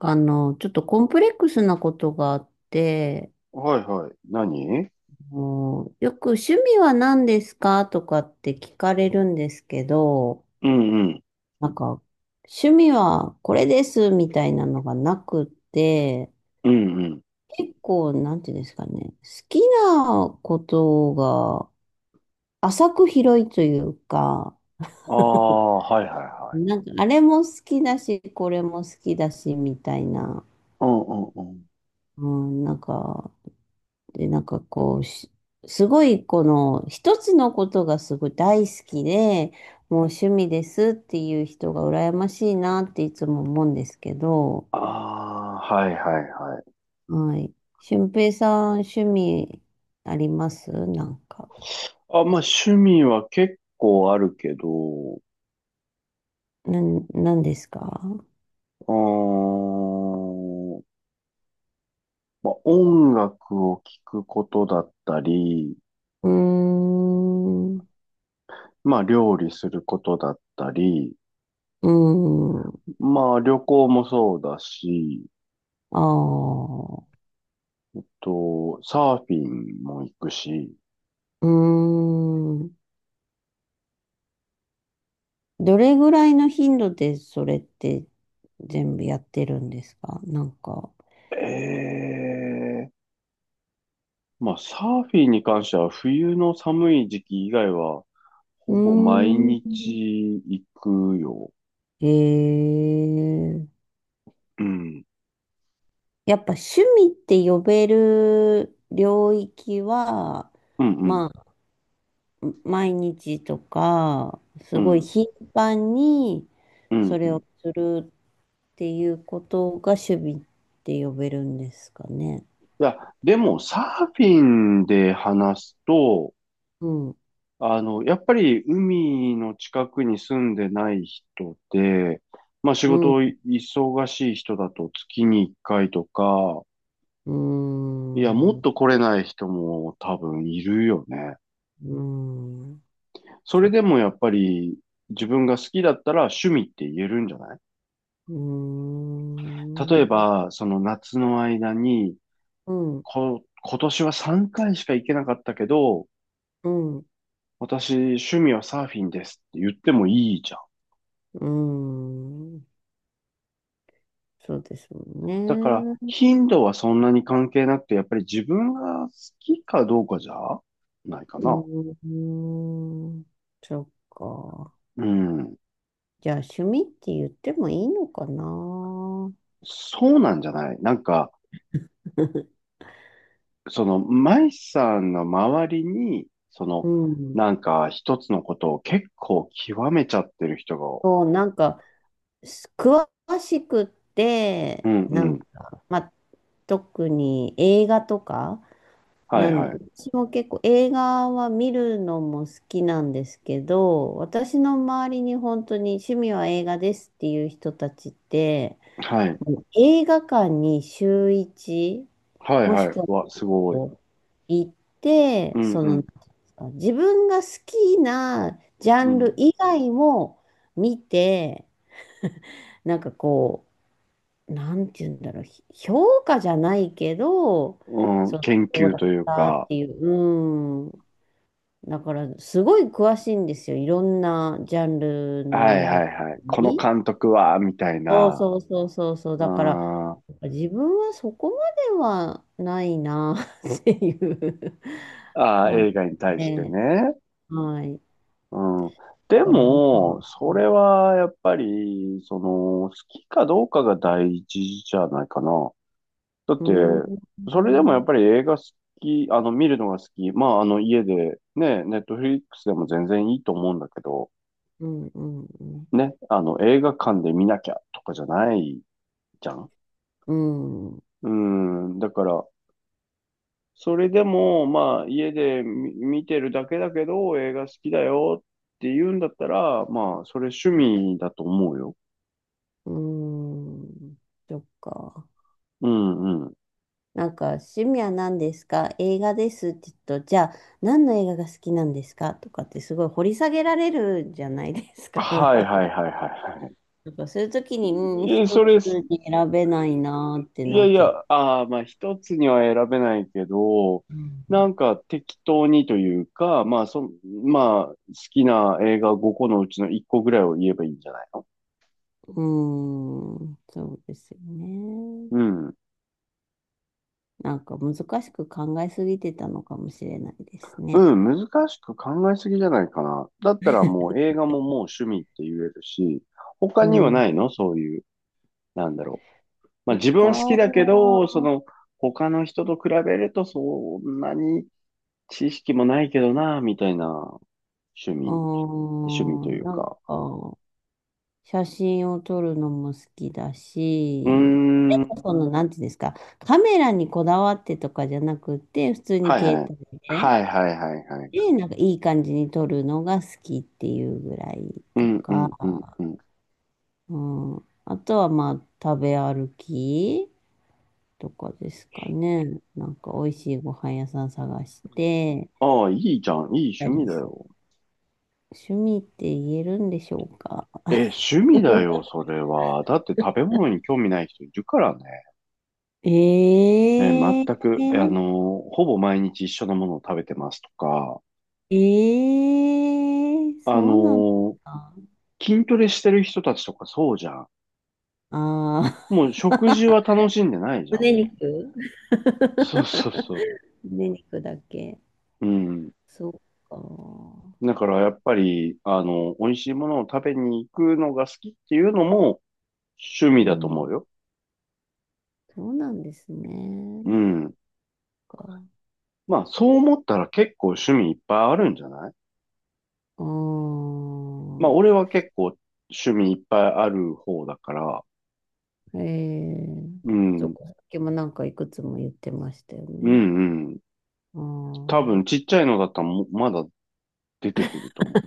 ちょっとコンプレックスなことがあって、はいはい。何？もうよく趣味は何ですかとかって聞かれるんですけど、うんうん。なんか、趣味はこれですみたいなのがなくって、うんうん。結構、なんていうんですかね、好きなことが浅く広いというか、ああ、はいはいはい。あれも好きだし、これも好きだし、みたいな。うんうんうん。うん、なんか、で、なんかこう、しすごいこの一つのことがすごい大好きで、もう趣味ですっていう人が羨ましいなっていつも思うんですけど、ああ、はいはいはい。はい。俊平さん、趣味ありますなんか。あ、まあ趣味は結構あるけど、なん、なんですか？ーん、まあ音楽を聴くことだったり、うーん。うまあ料理することだったり、ーん。まあ旅行もそうだし、ああ。と、サーフィンも行くし、うーん。どれぐらいの頻度でそれって全部やってるんですかなんか。えまあ、サーフィンに関しては、冬の寒い時期以外は、うほぼ毎ーん。日行くよ。ええ、うん。やっぱ趣味って呼べる領域は、うん、うん、まあ、毎日とか、すうごいん、頻繁にうそん、うれん。をいするっていうことが趣味って呼べるんですかね。や、でも、サーフィンで話すと、うん、やっぱり海の近くに住んでない人で、まあ仕うん、う事忙しい人だと月に1回とか、ーいや、もん、っうと来れない人も多分いるよね。ーん、そちれょ、でもやっぱり自分が好きだったら趣味って言えるんじゃない？うー例えん、ば、その夏の間に、うん、今年は3回しか行けなかったけど、うん、私趣味はサーフィンですって言ってもいいじゃん。うーん。そうですもだから、んね。頻度はそんなに関係なくて、やっぱり自分が好きかどうかじゃないかうな。ーん、そっか。うん。じゃあ、趣味って言ってもいいのかな。そうなんじゃない？なんか、その、舞さんの周りに、そうの、ん。なんか一つのことを結構極めちゃってる人が、そう、す詳しくっうて、んうなんん。か、まあ、特に映画とか。はないんで、はい。私も結構映画は見るのも好きなんですけど、私の周りに本当に趣味は映画ですっていう人たちって、はい。映画館に週一、はいもしはい。くはわ、すごい。行っうて、んその、うなんんていうんですか、自分が好きなジャうンルん。以外も見て、なんかこなんて言うんだろう、ひ評価じゃないけど、うん、そう、研どう究だといっうたっか、ていう、うん。だから、すごい詳しいんですよ。いろんなジャンルのはい映画はいはい。このに。監督は、みたいそうな、そうそうそうそう。うだから、ん、あ自分はそこまではないな っていうあ、感じ映画に対してで、ね。はい。うん。でだからまも、あ、それはやっぱり、その、好きかどうかが大事じゃないかな。だっうて、ーん、それでもうやん、っぱり映画好き、見るのが好き。まあ、家で、ね、ネットフリックスでも全然いいと思うんだけど、うん、うん、ね、映画館で見なきゃとかじゃないじゃん。うん、ううん、だから、それでも、まあ、家で見てるだけだけど、映画好きだよって言うんだったら、まあ、それ趣味だと思うよ。ーんそっか。うん、うん。なんか、趣味は何ですか、映画ですって言うと、じゃあ、何の映画が好きなんですかとかってすごい掘り下げられるじゃないですか。はい、はい、はい、はい、はなんか、そういう時に、うん、い。え、一そつれ、に選べないなっていなやっいちや、ゃって。ああ、まあ一つには選べないけど、うんなんか適当にというか、まあそ、まあ好きな映画5個のうちの1個ぐらいを言えばいいんじゃないの？うーん、そうですよね。うん。なんか難しく考えすぎてたのかもしれないですね。うん、難しく考えすぎじゃないかな。だったらもう映画ももう趣味って言えるし、他うにはなん。いの？そういう、なんだろう。まあ自分他は好きだけど、そは、の他の人と比べるとそんなに知識もないけどな、みたいな趣味、うー趣味とん、いうか。写真を撮るのも好きだうーし、でん。もその、なんていうんですか、カメラにこだわってとかじゃなくて、普通にはいは携い。帯で、はいはいはいはい。で、なんかいい感じに撮るのが好きっていうぐらいうとんうか、んうんうん。うん。あとはまあ、食べ歩き。とかですかね。なんか美味しいご飯屋さん探して、ああ、いいじゃん。いいた趣味りだする。よ。趣味って言えるんでしょうか？え、趣味だよ、それは。だって食べ物に興味ない人いるからね。ね、全ええ、く、ほぼ毎日一緒のものを食べてますとか、ええ、あそうなんですのか？筋トレしてる人たちとかそうじゃん。ああー。 もう食事は楽しんでない じゃ胸ん、もう。肉、そうそうそ胸肉だけ。う。うん。そうか。だからやっぱり、美味しいものを食べに行くのが好きっていうのも、趣う味だと思ん、うよ。そうなんですね。うん。か。まあ、そう思ったら結構趣味いっぱいあるんじゃない？あまあ、俺あ、は結構趣味いっぱいある方だから、ええ、うそっん、か。さっきもなんかいくつも言ってましたようん、ね。うん。あ多分あ。ちっちゃいのだったらもまだ出てくると思う。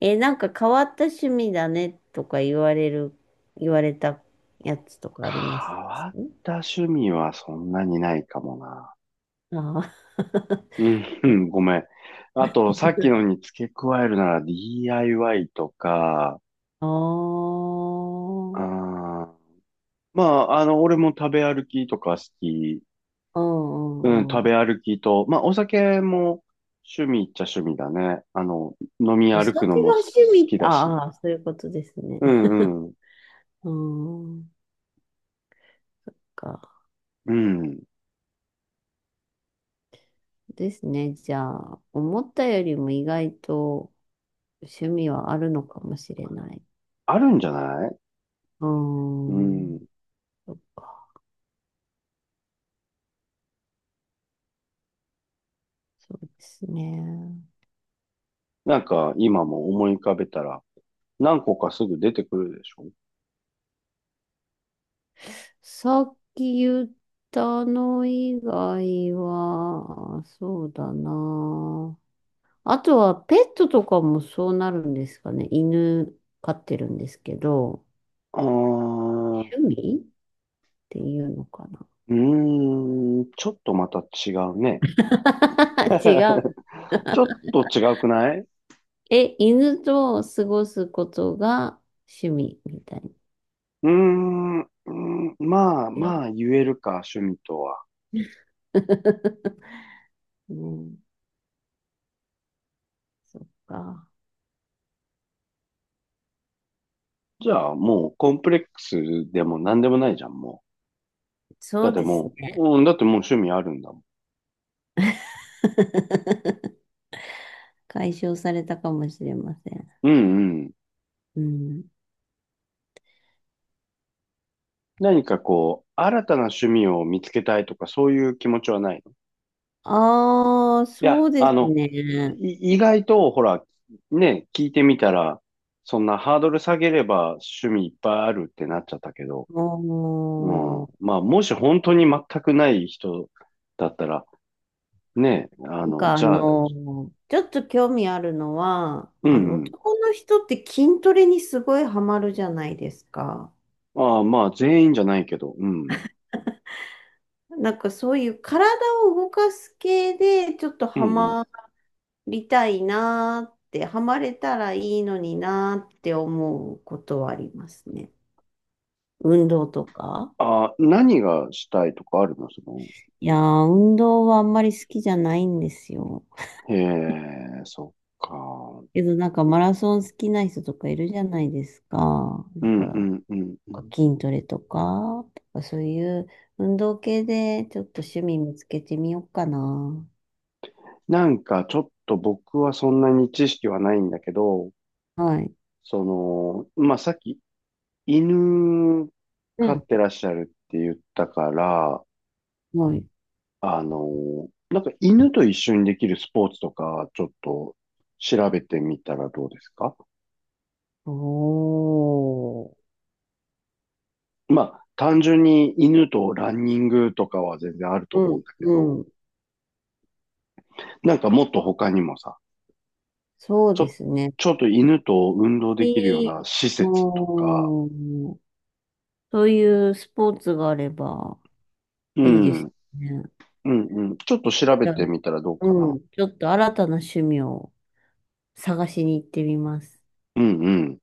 え、なんか変わった趣味だねとか言われる、言われたやつとか変あります？わった趣味はそんなにないかもな。ああ、うん、うんごめん。あと、さっきのに付け加えるなら DIY とか、ああー、ーまあ、俺も食べ歩きとか好き。ううん、んう食んうん。べ歩きと、まあ、お酒も趣味っちゃ趣味だね。飲みお歩酒くのもが好趣味、きだし。ああ、そういうことですね。うんうん。うん、か。うん。ですね。じゃあ、思ったよりも意外と趣味はあるのかもしれない。あるんじゃない？ううん。ん、そっか、そうですね。なんか、今も思い浮かべたら、何個かすぐ出てくるでしょ？さっき言ったの以外は、そうだな。あとはペットとかもそうなるんですかね。犬飼ってるんですけど、あー、趣味っていうのかな。うーん、ちょっとまた違うね。違 う。ちょっと違うくない？うえ、犬と過ごすことが趣味みたいーん、まあな。違まあ言えるか、趣味とは。う ね、そっか。じゃあもうコンプレックスでも何でもないじゃん、もう。だそっうてですもね。う、うん、だってもう趣味あるんだもん。解消されたかもしれません。うんうん。うん。何かこう、新たな趣味を見つけたいとか、そういう気持ちはないの？いああ、そや、うですね。意外と、ほら、ね、聞いてみたら、そんなハードル下げれば趣味いっぱいあるってなっちゃったけど、うん。もう、まあ、もし本当に全くない人だったら、ね、なんかあじゃあ、の、ちょっと興味あるのは、うあの、んうん。男の人って筋トレにすごいハマるじゃないですか。ああ、まあ、全員じゃないけど、うん。なんかそういう体を動かす系で、ちょっとうんハうん。マりたいなーって、ハマれたらいいのになーって思うことはありますね。運動とか。ああ、何がしたいとかあるの？その、いやー、運動はあんまり好きじゃないんですよ。へえ、そっか。けどなんかマラソン好きな人とかいるじゃないですか。うだんかうら、んうんうん。筋トレとか、そういう運動系でちょっと趣味見つけてみようかな。なんかちょっと僕はそんなに知識はないんだけど、はい。その、まあ、さっき犬う飼っん、てらっしゃるって言ったから、はい。なんか犬と一緒にできるスポーツとか、ちょっと調べてみたらどうですか？おー。まあ、単純に犬とランニングとかは全然あるとう思うん、んだけど、うん。なんかもっと他にもさ、そうちでょ、すね。ちょっと犬と運動できるよういない。施設とか、おー。そういうスポーツがあればういいでん、うすん、ね。うん。ちょっと調べじゃあ、てみたらどうかうな。ん。ちょっと新たな趣味を探しに行ってみます。うん、うん。